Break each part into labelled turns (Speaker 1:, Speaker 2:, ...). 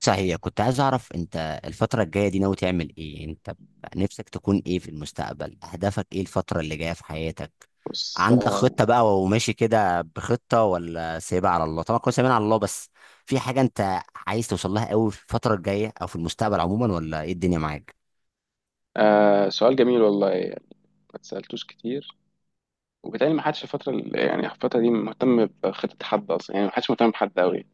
Speaker 1: صحيح، كنت عايز اعرف انت الفترة الجاية دي ناوي تعمل ايه؟ انت نفسك تكون ايه في المستقبل؟ اهدافك ايه الفترة اللي جاية في حياتك؟
Speaker 2: بص
Speaker 1: عندك
Speaker 2: آه
Speaker 1: خطة بقى وماشي كده بخطة، ولا سايبها على الله؟ طبعا كنا سايبين على الله، بس في حاجة انت عايز توصل لها قوي في الفترة الجاية او في المستقبل عموما، ولا ايه الدنيا معاك؟
Speaker 2: آه، سؤال جميل والله، يعني ما اتسألتوش كتير، وبالتالي ما حدش الفترة يعني الفترة دي مهتم بخطة حد أصلا، يعني ما حدش مهتم بحد أوي.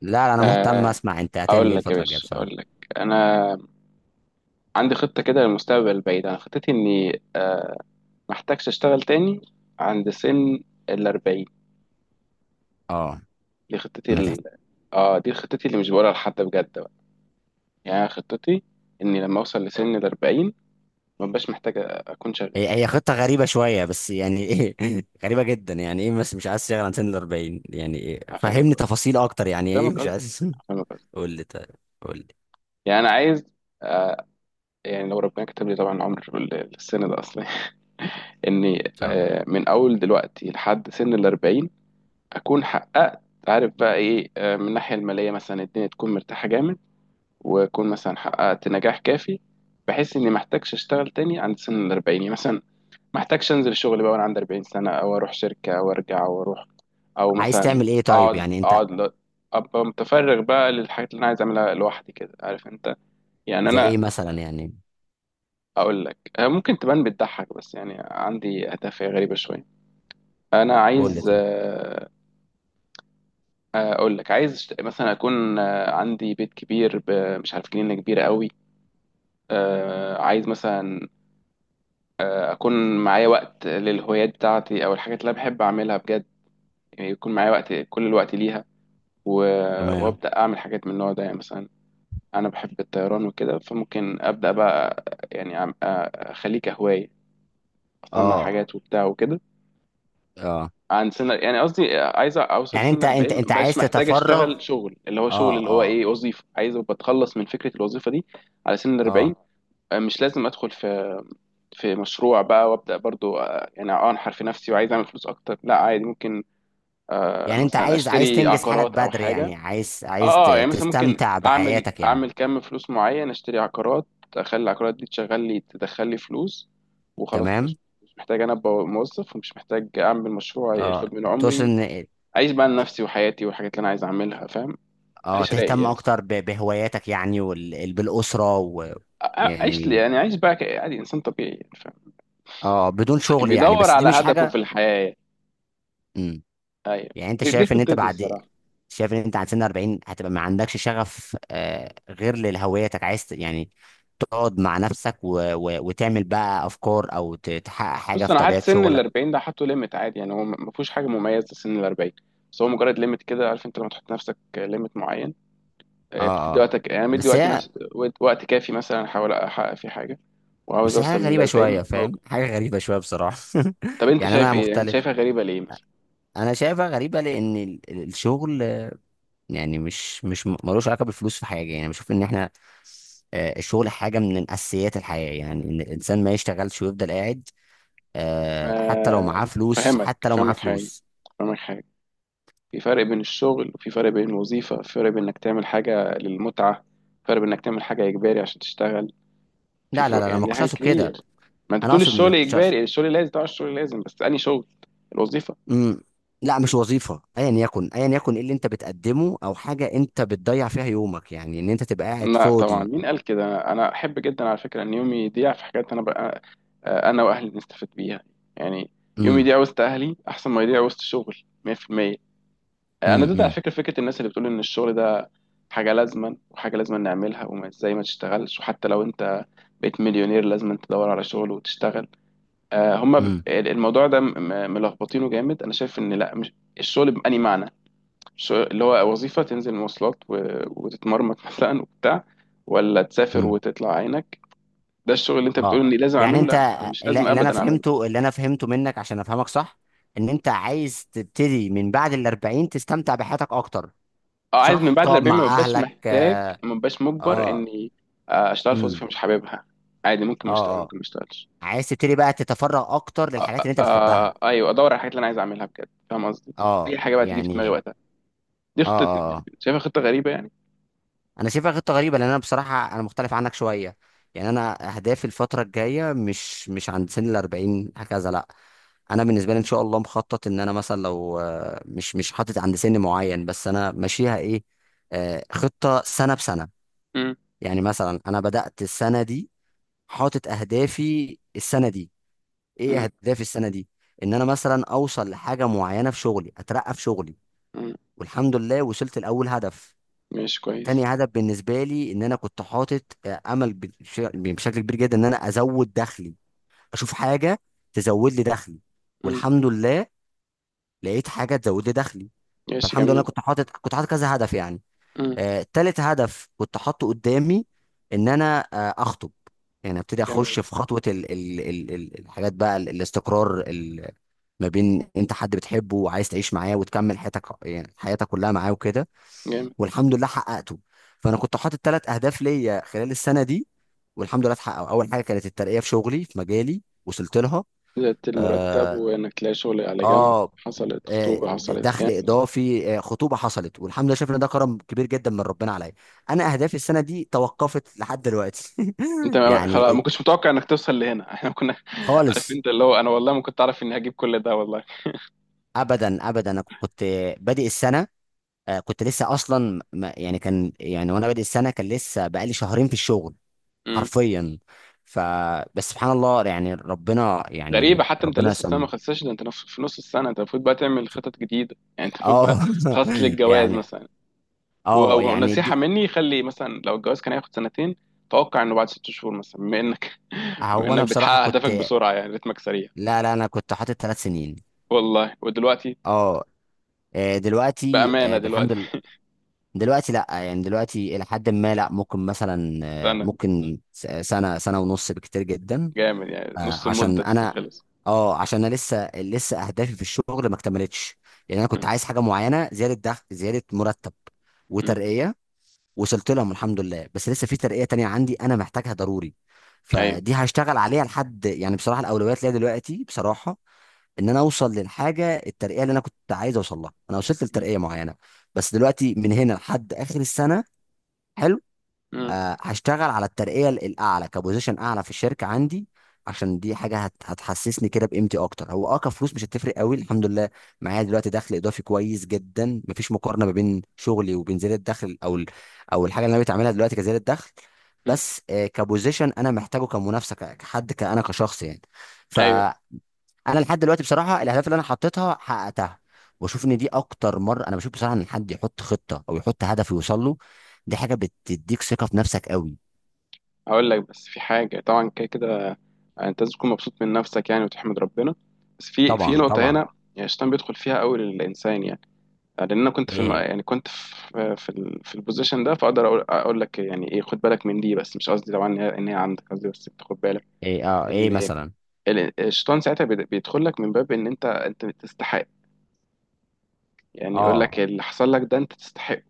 Speaker 1: لا لا، انا مهتم
Speaker 2: آه
Speaker 1: اسمع انت هتعمل
Speaker 2: أقول
Speaker 1: ايه
Speaker 2: لك يا
Speaker 1: الفترة الجاية
Speaker 2: باشا،
Speaker 1: بصراحة.
Speaker 2: أقول لك أنا عندي خطة كده للمستقبل البعيد. أنا خطتي إني ما أحتاجش أشتغل تاني عند سن الأربعين.
Speaker 1: اه.
Speaker 2: دي خطتي
Speaker 1: ما
Speaker 2: ال...
Speaker 1: تحت.
Speaker 2: آه، دي خطتي اللي مش بقولها لحد بجد بقى. يعني أنا خطتي إني لما أوصل لسن الأربعين ما بقاش محتاج أكون شغال.
Speaker 1: هي خطة غريبة شوية، بس يعني ايه غريبة جدا، يعني ايه؟ بس مش عايز تشتغل عن سن ال 40؟ يعني إيه؟
Speaker 2: فاهمك
Speaker 1: فهمني
Speaker 2: قصدي
Speaker 1: تفاصيل اكتر، يعني ايه
Speaker 2: فاهمك
Speaker 1: مش
Speaker 2: قصدي
Speaker 1: عايز؟
Speaker 2: فاهمك قصدي.
Speaker 1: قول لي طيب. قول لي ان
Speaker 2: يعني انا عايز، آه، يعني لو ربنا كتب لي طبعا عمر السن ده اصلا، اني
Speaker 1: شاء الله
Speaker 2: من اول دلوقتي لحد سن الاربعين اكون حققت، عارف بقى ايه، من الناحيه الماليه مثلا الدنيا تكون مرتاحه جامد، واكون مثلا حققت نجاح كافي، بحيث اني ما احتاجش اشتغل تاني عند سن الاربعين. يعني مثلا ما احتاجش انزل الشغل بقى وانا عندي 40 سنه، او اروح شركه او ارجع او اروح، او
Speaker 1: عايز
Speaker 2: مثلا
Speaker 1: تعمل ايه طيب
Speaker 2: اقعد
Speaker 1: يعني انت؟
Speaker 2: اقعد ل- ابقى متفرغ بقى للحاجات اللي انا عايز اعملها لوحدي كده، عارف انت. يعني
Speaker 1: زي
Speaker 2: انا
Speaker 1: ايه مثلا يعني؟
Speaker 2: اقول لك، ممكن تبان بتضحك، بس يعني عندي هدف غريبه شويه. انا
Speaker 1: قول لي
Speaker 2: عايز،
Speaker 1: طيب.
Speaker 2: اقول لك، عايز مثلا اكون عندي بيت كبير مش عارف، جنينه كبيره قوي. عايز مثلا اكون معايا وقت للهوايات بتاعتي او الحاجات اللي انا بحب اعملها بجد. يعني يكون معايا وقت، كل الوقت ليها، و-
Speaker 1: تمام.
Speaker 2: وابدا اعمل حاجات من النوع ده. يعني مثلا انا بحب الطيران وكده، فممكن ابدا بقى، يعني اخليه كهوايه، اصنع
Speaker 1: اه
Speaker 2: حاجات وبتاع وكده.
Speaker 1: اه.
Speaker 2: عن سنة، يعني قصدي عايز اوصل
Speaker 1: يعني
Speaker 2: سن
Speaker 1: انت انت
Speaker 2: 40
Speaker 1: انت
Speaker 2: مبقاش
Speaker 1: عايز
Speaker 2: محتاج
Speaker 1: تتفرغ؟
Speaker 2: اشتغل شغل اللي هو شغل
Speaker 1: اه
Speaker 2: اللي هو
Speaker 1: اه
Speaker 2: ايه، وظيفة. عايز ابقى اتخلص من فكرة الوظيفة دي على سن 40.
Speaker 1: اه.
Speaker 2: مش لازم ادخل في مشروع بقى وابدا برضو، يعني انحر في نفسي وعايز اعمل فلوس اكتر. لا عادي ممكن،
Speaker 1: يعني انت
Speaker 2: مثلا
Speaker 1: عايز
Speaker 2: اشتري
Speaker 1: تنجز حالك
Speaker 2: عقارات او
Speaker 1: بدري، يعني
Speaker 2: حاجة.
Speaker 1: عايز
Speaker 2: اه،
Speaker 1: عايز ت-
Speaker 2: يعني مثلا ممكن
Speaker 1: تستمتع
Speaker 2: اعمل
Speaker 1: بحياتك يعني.
Speaker 2: اعمل كم فلوس معين، اشتري عقارات، اخلي العقارات دي تشغل لي، تدخل لي فلوس، وخلاص كده.
Speaker 1: تمام.
Speaker 2: مش محتاج انا ابقى موظف، ومش محتاج اعمل مشروع
Speaker 1: اه.
Speaker 2: ياخد من
Speaker 1: تقصد
Speaker 2: عمري.
Speaker 1: ان،
Speaker 2: اعيش بقى لنفسي وحياتي والحاجات اللي انا عايز اعملها، فاهم؟
Speaker 1: اه
Speaker 2: اعيش رايق
Speaker 1: تهتم
Speaker 2: يعني،
Speaker 1: اكتر بهواياتك يعني وبالاسره و،
Speaker 2: اعيش لي
Speaker 1: يعني
Speaker 2: يعني، اعيش بقى عادي، انسان طبيعي يعني، فاهم؟
Speaker 1: اه بدون شغل يعني؟
Speaker 2: بيدور
Speaker 1: بس دي
Speaker 2: على
Speaker 1: مش
Speaker 2: هدفه في
Speaker 1: حاجه.
Speaker 2: الحياه يعني.
Speaker 1: مم.
Speaker 2: ايوه،
Speaker 1: يعني انت
Speaker 2: دي
Speaker 1: شايف ان انت
Speaker 2: خطتي
Speaker 1: بعد،
Speaker 2: الصراحه.
Speaker 1: شايف ان انت عند سن 40 هتبقى ما عندكش شغف، غير لهويتك؟ عايز يعني تقعد مع نفسك و... و... وتعمل بقى افكار، او تحقق حاجه
Speaker 2: بص
Speaker 1: في
Speaker 2: انا حاطط
Speaker 1: طبيعه
Speaker 2: سن ال
Speaker 1: شغلك.
Speaker 2: 40 ده، حاطه ليميت عادي. يعني هو ما فيهوش حاجه مميزه سن ال 40، بس هو مجرد ليميت كده. عارف انت لما تحط لنفسك ليميت معين،
Speaker 1: اه
Speaker 2: بتدي
Speaker 1: اه.
Speaker 2: وقتك. يعني أنا مدي
Speaker 1: بس
Speaker 2: وقتي
Speaker 1: هي،
Speaker 2: نفس وقت كافي، مثلا احاول احقق فيه حاجه، وعاوز
Speaker 1: بس هي
Speaker 2: اوصل
Speaker 1: حاجه
Speaker 2: لل
Speaker 1: غريبه
Speaker 2: 40
Speaker 1: شويه، فاهم؟
Speaker 2: موجود.
Speaker 1: حاجه غريبه شويه بصراحه.
Speaker 2: طب انت
Speaker 1: يعني
Speaker 2: شايف
Speaker 1: انا
Speaker 2: ايه؟ انت
Speaker 1: مختلف.
Speaker 2: شايفها غريبه ليه مثلا؟
Speaker 1: انا شايفها غريبه لان الشغل، يعني مش مش م- ملوش علاقه بالفلوس في حاجه. يعني بشوف ان احنا، الشغل حاجه من اساسيات الحياه، يعني ان الانسان ما يشتغلش ويفضل قاعد، حتى لو
Speaker 2: ما-
Speaker 1: معاه فلوس،
Speaker 2: فاهمك
Speaker 1: حتى لو معاه
Speaker 2: فاهمك حاجه
Speaker 1: فلوس.
Speaker 2: فاهمك حاجه. في فرق بين الشغل، وفي فرق بين الوظيفة، في فرق بين إنك تعمل حاجة للمتعة، في فرق بين إنك تعمل حاجة إجباري عشان تشتغل. في
Speaker 1: لا لا
Speaker 2: فروق
Speaker 1: لا لا،
Speaker 2: يعني،
Speaker 1: ما
Speaker 2: دي
Speaker 1: كنتش
Speaker 2: حاجات
Speaker 1: اقصد كده.
Speaker 2: كتير. ما أنت
Speaker 1: انا
Speaker 2: بتقول
Speaker 1: اقصد، ما
Speaker 2: الشغل
Speaker 1: كنتش اقصد.
Speaker 2: إجباري، الشغل لازم، طبعا الشغل لازم، بس أنهي شغل؟ الوظيفة؟
Speaker 1: امم. لا مش وظيفه، ايا يكن ايا يكن ايه اللي انت بتقدمه، او حاجه انت بتضيع فيها يومك، يعني ان انت تبقى قاعد
Speaker 2: لا طبعا،
Speaker 1: فاضي.
Speaker 2: مين قال كده؟ أنا أحب جدا على فكرة إن يومي يضيع في حاجات أنا بقى، أنا وأهلي نستفيد بيها. يعني يومي
Speaker 1: امم،
Speaker 2: يضيع وسط أهلي أحسن ما يضيع وسط شغل. 100%. انا
Speaker 1: امم.
Speaker 2: ضد على
Speaker 1: امم،
Speaker 2: فكره الناس اللي بتقول ان الشغل ده حاجه لازما، وحاجه لازما نعملها، وما ازاي ما تشتغلش، وحتى لو انت بقيت مليونير لازم تدور على شغل وتشتغل. آه، هما
Speaker 1: امم.
Speaker 2: الموضوع ده ملخبطينه جامد. انا شايف ان لا، مش الشغل بأني معنى الشغل اللي هو وظيفه تنزل مواصلات وتتمرمط، مثلا وبتاع، ولا تسافر
Speaker 1: امم.
Speaker 2: وتطلع عينك. ده الشغل اللي انت بتقول
Speaker 1: اه
Speaker 2: اني لازم
Speaker 1: يعني
Speaker 2: اعمله،
Speaker 1: انت،
Speaker 2: لا أنا مش لازم
Speaker 1: اللي انا
Speaker 2: ابدا اعمله.
Speaker 1: فهمته، اللي انا فهمته منك عشان افهمك صح، ان انت عايز تبتدي من بعد الأربعين تستمتع بحياتك اكتر.
Speaker 2: اه، عايز من
Speaker 1: صح،
Speaker 2: بعد
Speaker 1: تقعد
Speaker 2: الأربعين
Speaker 1: مع اهلك.
Speaker 2: ما ببقاش مجبر
Speaker 1: اه،
Speaker 2: إني، أشتغل في
Speaker 1: امم.
Speaker 2: وظيفة مش حاببها. عادي،
Speaker 1: اه آه.
Speaker 2: ممكن ما أشتغلش.
Speaker 1: عايز تبتدي بقى تتفرغ اكتر
Speaker 2: آه
Speaker 1: للحاجات
Speaker 2: آه
Speaker 1: اللي انت بتحبها.
Speaker 2: أيوه، أدور على الحاجات اللي أنا عايز أعملها بجد، فاهم قصدي؟ أي
Speaker 1: اه
Speaker 2: حاجة بقى تيجي في دماغي
Speaker 1: يعني.
Speaker 2: وقتها. دي
Speaker 1: اه،
Speaker 2: خطتي.
Speaker 1: اه آه.
Speaker 2: شايفها خطة غريبة يعني؟
Speaker 1: انا شايفها خطه غريبه، لان انا بصراحه انا مختلف عنك شويه. يعني انا اهدافي الفتره الجايه مش عند سن ال 40 هكذا، لا. انا بالنسبه لي ان شاء الله مخطط ان انا مثلا، لو مش حاطط عند سن معين، بس انا ماشيها ايه، خطه سنه بسنه.
Speaker 2: مم.
Speaker 1: يعني مثلا انا بدات السنه دي، حاطط اهدافي السنه دي. ايه
Speaker 2: مم.
Speaker 1: اهدافي السنه دي؟ ان انا مثلا اوصل لحاجه معينه في شغلي، اترقى في شغلي.
Speaker 2: مم.
Speaker 1: والحمد لله وصلت لاول هدف.
Speaker 2: ماشي
Speaker 1: تاني
Speaker 2: كويس.
Speaker 1: هدف بالنسبه لي، ان انا كنت حاطط امل بشكل كبير جدا ان انا ازود دخلي، اشوف حاجه تزود لي دخلي.
Speaker 2: مم.
Speaker 1: والحمد لله لقيت حاجه تزود لي دخلي.
Speaker 2: ماشي
Speaker 1: فالحمد لله
Speaker 2: جميل.
Speaker 1: كنت حاطط كذا هدف يعني.
Speaker 2: مم.
Speaker 1: تالت هدف كنت حاطه قدامي، ان انا اخطب. يعني ابتدي اخش
Speaker 2: جميل.
Speaker 1: في خطوه الحاجات بقى، الاستقرار، ما بين انت حد بتحبه وعايز تعيش معاه وتكمل حياتك، يعني حياتك كلها معاه وكده.
Speaker 2: جامد.
Speaker 1: والحمد لله حققته. فانا كنت حاطط ثلاث اهداف ليا خلال السنه دي، والحمد لله اتحققوا. اول حاجه كانت الترقيه في شغلي في مجالي، وصلت لها.
Speaker 2: زادت المرتب،
Speaker 1: اه،
Speaker 2: وإنك تلاقي شغل على جنب،
Speaker 1: آه.
Speaker 2: حصلت خطوبة، حصلت
Speaker 1: دخل
Speaker 2: جامد.
Speaker 1: اضافي، خطوبه حصلت. والحمد لله شايف ان ده كرم كبير جدا من ربنا عليا. انا اهدافي السنه دي توقفت لحد دلوقتي
Speaker 2: انت خلاص، ما
Speaker 1: يعني.
Speaker 2: كنتش متوقع انك توصل لهنا، احنا كنا عارف
Speaker 1: خالص.
Speaker 2: انت، اللي هو انا والله ما كنت اعرف اني هجيب كل ده والله.
Speaker 1: ابدا ابدا. انا كنت بادئ السنه، كنت لسه اصلا يعني كان يعني، وانا بادئ السنه كان لسه بقالي شهرين في الشغل
Speaker 2: مم.
Speaker 1: حرفيا. ف، بس سبحان الله، يعني ربنا، يعني
Speaker 2: غريبة، حتى انت
Speaker 1: ربنا
Speaker 2: لسه السنة ما
Speaker 1: سم.
Speaker 2: خلصتش، ده انت في نص السنة انت المفروض بقى تعمل خطط جديدة. يعني انت المفروض بقى
Speaker 1: اه
Speaker 2: تخطط للجواز
Speaker 1: يعني.
Speaker 2: مثلا،
Speaker 1: اه يعني
Speaker 2: ونصيحة
Speaker 1: دي.
Speaker 2: مني، خلي مثلا لو الجواز كان هياخد سنتين توقع انه بعد ست شهور مثلا، بما انك بما
Speaker 1: هو انا
Speaker 2: انك
Speaker 1: بصراحه
Speaker 2: بتحقق
Speaker 1: كنت،
Speaker 2: اهدافك بسرعة، يعني رتمك سريع.
Speaker 1: لا لا انا كنت حاطط 3 سنين.
Speaker 2: والله. ودلوقتي
Speaker 1: اه. دلوقتي
Speaker 2: بأمانة
Speaker 1: بالحمد لله.
Speaker 2: دلوقتي
Speaker 1: دلوقتي لا، يعني دلوقتي الى حد ما، لا، ممكن مثلا
Speaker 2: سنة.
Speaker 1: ممكن سنه، سنه ونص بكتير جدا.
Speaker 2: جامد يعني نص
Speaker 1: عشان
Speaker 2: المدة.
Speaker 1: انا،
Speaker 2: خلص.
Speaker 1: اه عشان انا لسه اهدافي في الشغل ما اكتملتش. يعني انا كنت
Speaker 2: مم.
Speaker 1: عايز حاجه معينه، زياده دخل، زياده مرتب،
Speaker 2: مم.
Speaker 1: وترقيه. وصلت لهم الحمد لله، بس لسه في ترقيه تانية عندي انا محتاجها ضروري،
Speaker 2: ايوه.
Speaker 1: فدي هشتغل عليها لحد يعني بصراحه. الاولويات ليا دلوقتي بصراحه ان انا اوصل للحاجه الترقيه اللي انا كنت عايز اوصل لها. انا وصلت
Speaker 2: مم.
Speaker 1: لترقيه معينه، بس دلوقتي من هنا لحد اخر السنه، حلو،
Speaker 2: مم.
Speaker 1: هشتغل على الترقية الأعلى، كبوزيشن أعلى في الشركة عندي. عشان دي حاجة هتحسسني كده بقيمتي أكتر. هو كفلوس مش هتفرق قوي الحمد لله، معايا دلوقتي دخل إضافي كويس جدا. مفيش مقارنة ما بين شغلي وبين زيادة الدخل، أو أو الحاجة اللي أنا بتعملها دلوقتي كزيادة دخل.
Speaker 2: مم.
Speaker 1: بس كبوزيشن أنا محتاجه كمنافسة، كحد، أنا كشخص يعني. ف،
Speaker 2: ايوه.
Speaker 1: انا لحد دلوقتي بصراحه الاهداف اللي انا حطيتها حققتها. واشوف ان دي اكتر مره انا بشوف بصراحه ان حد يحط خطه او يحط هدف يوصل له. دي حاجه بتديك ثقه في نفسك قوي.
Speaker 2: هقول لك، بس في حاجة، طبعا كده كده انت لازم تكون مبسوط من نفسك يعني، وتحمد ربنا. بس في
Speaker 1: طبعا،
Speaker 2: نقطة
Speaker 1: طبعا.
Speaker 2: هنا، يعني الشيطان بيدخل فيها قوي للإنسان يعني. لأن أنا كنت في
Speaker 1: ايه،
Speaker 2: يعني كنت في في البوزيشن ده، فأقدر أقول أقول لك يعني إيه، خد بالك من دي. بس مش قصدي طبعا إن هي عندك، قصدي بس تاخد بالك
Speaker 1: ايه، اه، ايه
Speaker 2: إن
Speaker 1: مثلا؟
Speaker 2: الشيطان ساعتها بيدخل لك من باب إن أنت تستحق. يعني يقول
Speaker 1: اه،
Speaker 2: لك اللي حصل لك ده أنت تستحق،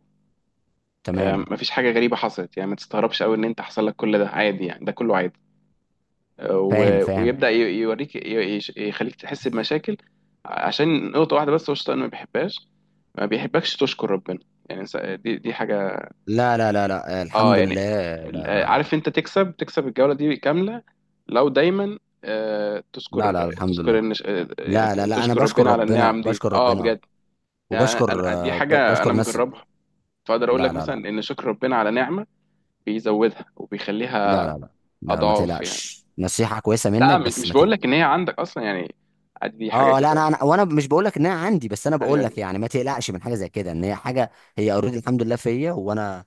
Speaker 1: تمام.
Speaker 2: مفيش حاجة غريبة حصلت، يعني ما تستغربش قوي إن أنت حصل لك كل ده، عادي يعني، ده كله عادي.
Speaker 1: فاهم فاهم.
Speaker 2: ويبدأ يوريك يخليك تحس بمشاكل. عشان نقطة واحدة بس هو الشيطان ما بيحبهاش، ما بيحبكش تشكر ربنا. يعني دي حاجة.
Speaker 1: لا لا لا لا،
Speaker 2: اه
Speaker 1: الحمد
Speaker 2: يعني
Speaker 1: لله. لا لا لا
Speaker 2: عارف انت، تكسب الجولة دي كاملة لو دايما
Speaker 1: لا. لا،
Speaker 2: تشكر
Speaker 1: الحمد لله.
Speaker 2: تشكر يعني
Speaker 1: لا لا لا، انا
Speaker 2: تشكر
Speaker 1: بشكر
Speaker 2: ربنا على
Speaker 1: ربنا،
Speaker 2: النعم دي،
Speaker 1: بشكر
Speaker 2: اه
Speaker 1: ربنا.
Speaker 2: بجد. يعني
Speaker 1: وبشكر
Speaker 2: دي
Speaker 1: آه، ب-
Speaker 2: حاجة انا
Speaker 1: بشكر ناس.
Speaker 2: مجربها، فاقدر اقول
Speaker 1: لا
Speaker 2: لك
Speaker 1: لا لا.
Speaker 2: مثلا ان شكر ربنا على نعمة بيزودها
Speaker 1: لا
Speaker 2: وبيخليها
Speaker 1: لا لا لا ما
Speaker 2: اضعاف يعني.
Speaker 1: تقلقش، نصيحة كويسة
Speaker 2: لا
Speaker 1: منك، بس
Speaker 2: مش
Speaker 1: ما
Speaker 2: بقول لك
Speaker 1: تقلقش.
Speaker 2: ان هي عندك اصلا يعني، عادي دي حاجه
Speaker 1: اه لا،
Speaker 2: كده.
Speaker 1: انا وانا مش بقول لك ان انا عندي، بس انا
Speaker 2: ايوه.
Speaker 1: بقول
Speaker 2: أيوة.
Speaker 1: لك يعني ما تقلقش من حاجه زي كده، ان هي حاجه. هي اوريدي الحمد لله فيا. وانا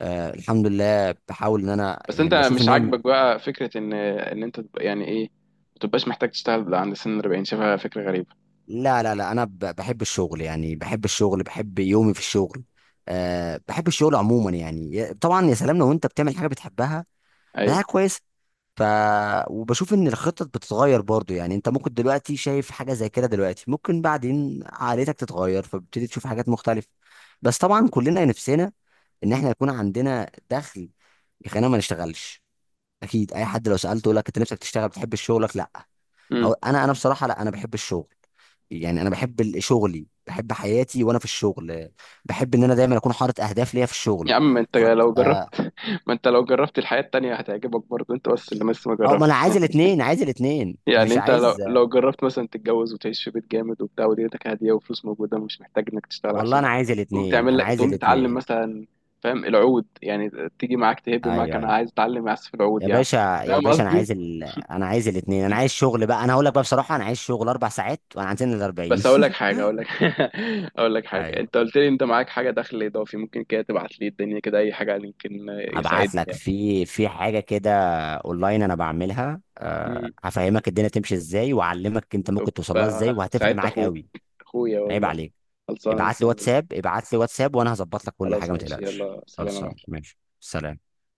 Speaker 1: الحمد لله بحاول ان انا
Speaker 2: بس
Speaker 1: يعني
Speaker 2: انت
Speaker 1: بشوف
Speaker 2: مش
Speaker 1: ان انا.
Speaker 2: عاجبك بقى فكره ان انت تبقى يعني ايه، ما تبقاش محتاج تشتغل عند سن 40، شايفها فكره غريبه؟
Speaker 1: لا لا لا، انا بحب الشغل، يعني بحب الشغل، بحب يومي في الشغل. بحب الشغل عموما، يعني، طبعا يا سلام لو انت بتعمل حاجه بتحبها، ده حاجه
Speaker 2: ايوه.
Speaker 1: كويسه. ف، وبشوف ان الخطط بتتغير برضو، يعني انت ممكن دلوقتي شايف حاجه زي كده، دلوقتي ممكن بعدين عقليتك تتغير، فبتبتدي تشوف حاجات مختلفه. بس طبعا كلنا نفسنا ان احنا يكون عندنا دخل يخلينا ما نشتغلش. اكيد اي حد لو سالته يقول لك انت نفسك تشتغل بتحب شغلك؟ لا.
Speaker 2: امم.
Speaker 1: أو انا، انا بصراحه لا، انا بحب الشغل. يعني انا بحب شغلي، بحب حياتي وانا في الشغل. بحب ان انا دايما اكون حاطط اهداف ليا في
Speaker 2: يا
Speaker 1: الشغل،
Speaker 2: عم انت
Speaker 1: حاطط.
Speaker 2: لو جربت،
Speaker 1: اه.
Speaker 2: ما انت لو جربت الحياه التانيه هتعجبك برضه انت، بس اللي لسه ما
Speaker 1: أو ما انا
Speaker 2: جربتش.
Speaker 1: عايز الاثنين، عايز الاثنين،
Speaker 2: يعني
Speaker 1: مش
Speaker 2: انت لو
Speaker 1: عايز.
Speaker 2: جربت مثلا تتجوز وتعيش في بيت جامد وبتاع، ودنيتك هاديه وفلوس موجوده ومش محتاج انك تشتغل
Speaker 1: والله انا
Speaker 2: عشانها،
Speaker 1: عايز
Speaker 2: تقوم
Speaker 1: الاثنين،
Speaker 2: تعمل
Speaker 1: انا
Speaker 2: لك،
Speaker 1: عايز
Speaker 2: تقوم تتعلم
Speaker 1: الاثنين.
Speaker 2: مثلا، فاهم؟ العود يعني، تيجي معاك، تهب معاك،
Speaker 1: ايوه،
Speaker 2: انا
Speaker 1: ايوه.
Speaker 2: عايز اتعلم اعزف العود
Speaker 1: يا
Speaker 2: يا عم.
Speaker 1: باشا. يا
Speaker 2: فاهم
Speaker 1: باشا،
Speaker 2: قصدي؟
Speaker 1: انا عايز الاثنين، انا عايز شغل بقى. انا هقول لك بقى بصراحه، انا عايز شغل 4 ساعات وانا عندنا ال 40.
Speaker 2: بس اقول لك حاجه، اقول لك اقول لك حاجه، انت
Speaker 1: ايوه.
Speaker 2: قلت لي انت معاك حاجه دخل اضافي، ممكن كده تبعت لي الدنيا كده، اي حاجه يمكن يساعدني
Speaker 1: هبعت لك
Speaker 2: يعني.
Speaker 1: في حاجه كده اونلاين انا بعملها.
Speaker 2: امم.
Speaker 1: هفهمك الدنيا تمشي ازاي، واعلمك انت
Speaker 2: طب،
Speaker 1: ممكن توصل لها ازاي، وهتفرق
Speaker 2: ساعدت
Speaker 1: معاك
Speaker 2: اخوك،
Speaker 1: قوي.
Speaker 2: اخويا
Speaker 1: عيب
Speaker 2: والله،
Speaker 1: عليك.
Speaker 2: خلصانه
Speaker 1: ابعت لي
Speaker 2: مستنيك.
Speaker 1: واتساب، ابعت لي واتساب، وانا هظبط لك كل
Speaker 2: خلاص،
Speaker 1: حاجه ما
Speaker 2: ماشي،
Speaker 1: تقلقش.
Speaker 2: يلا سلام يا
Speaker 1: خلصان
Speaker 2: معلم.
Speaker 1: ماشي سلام.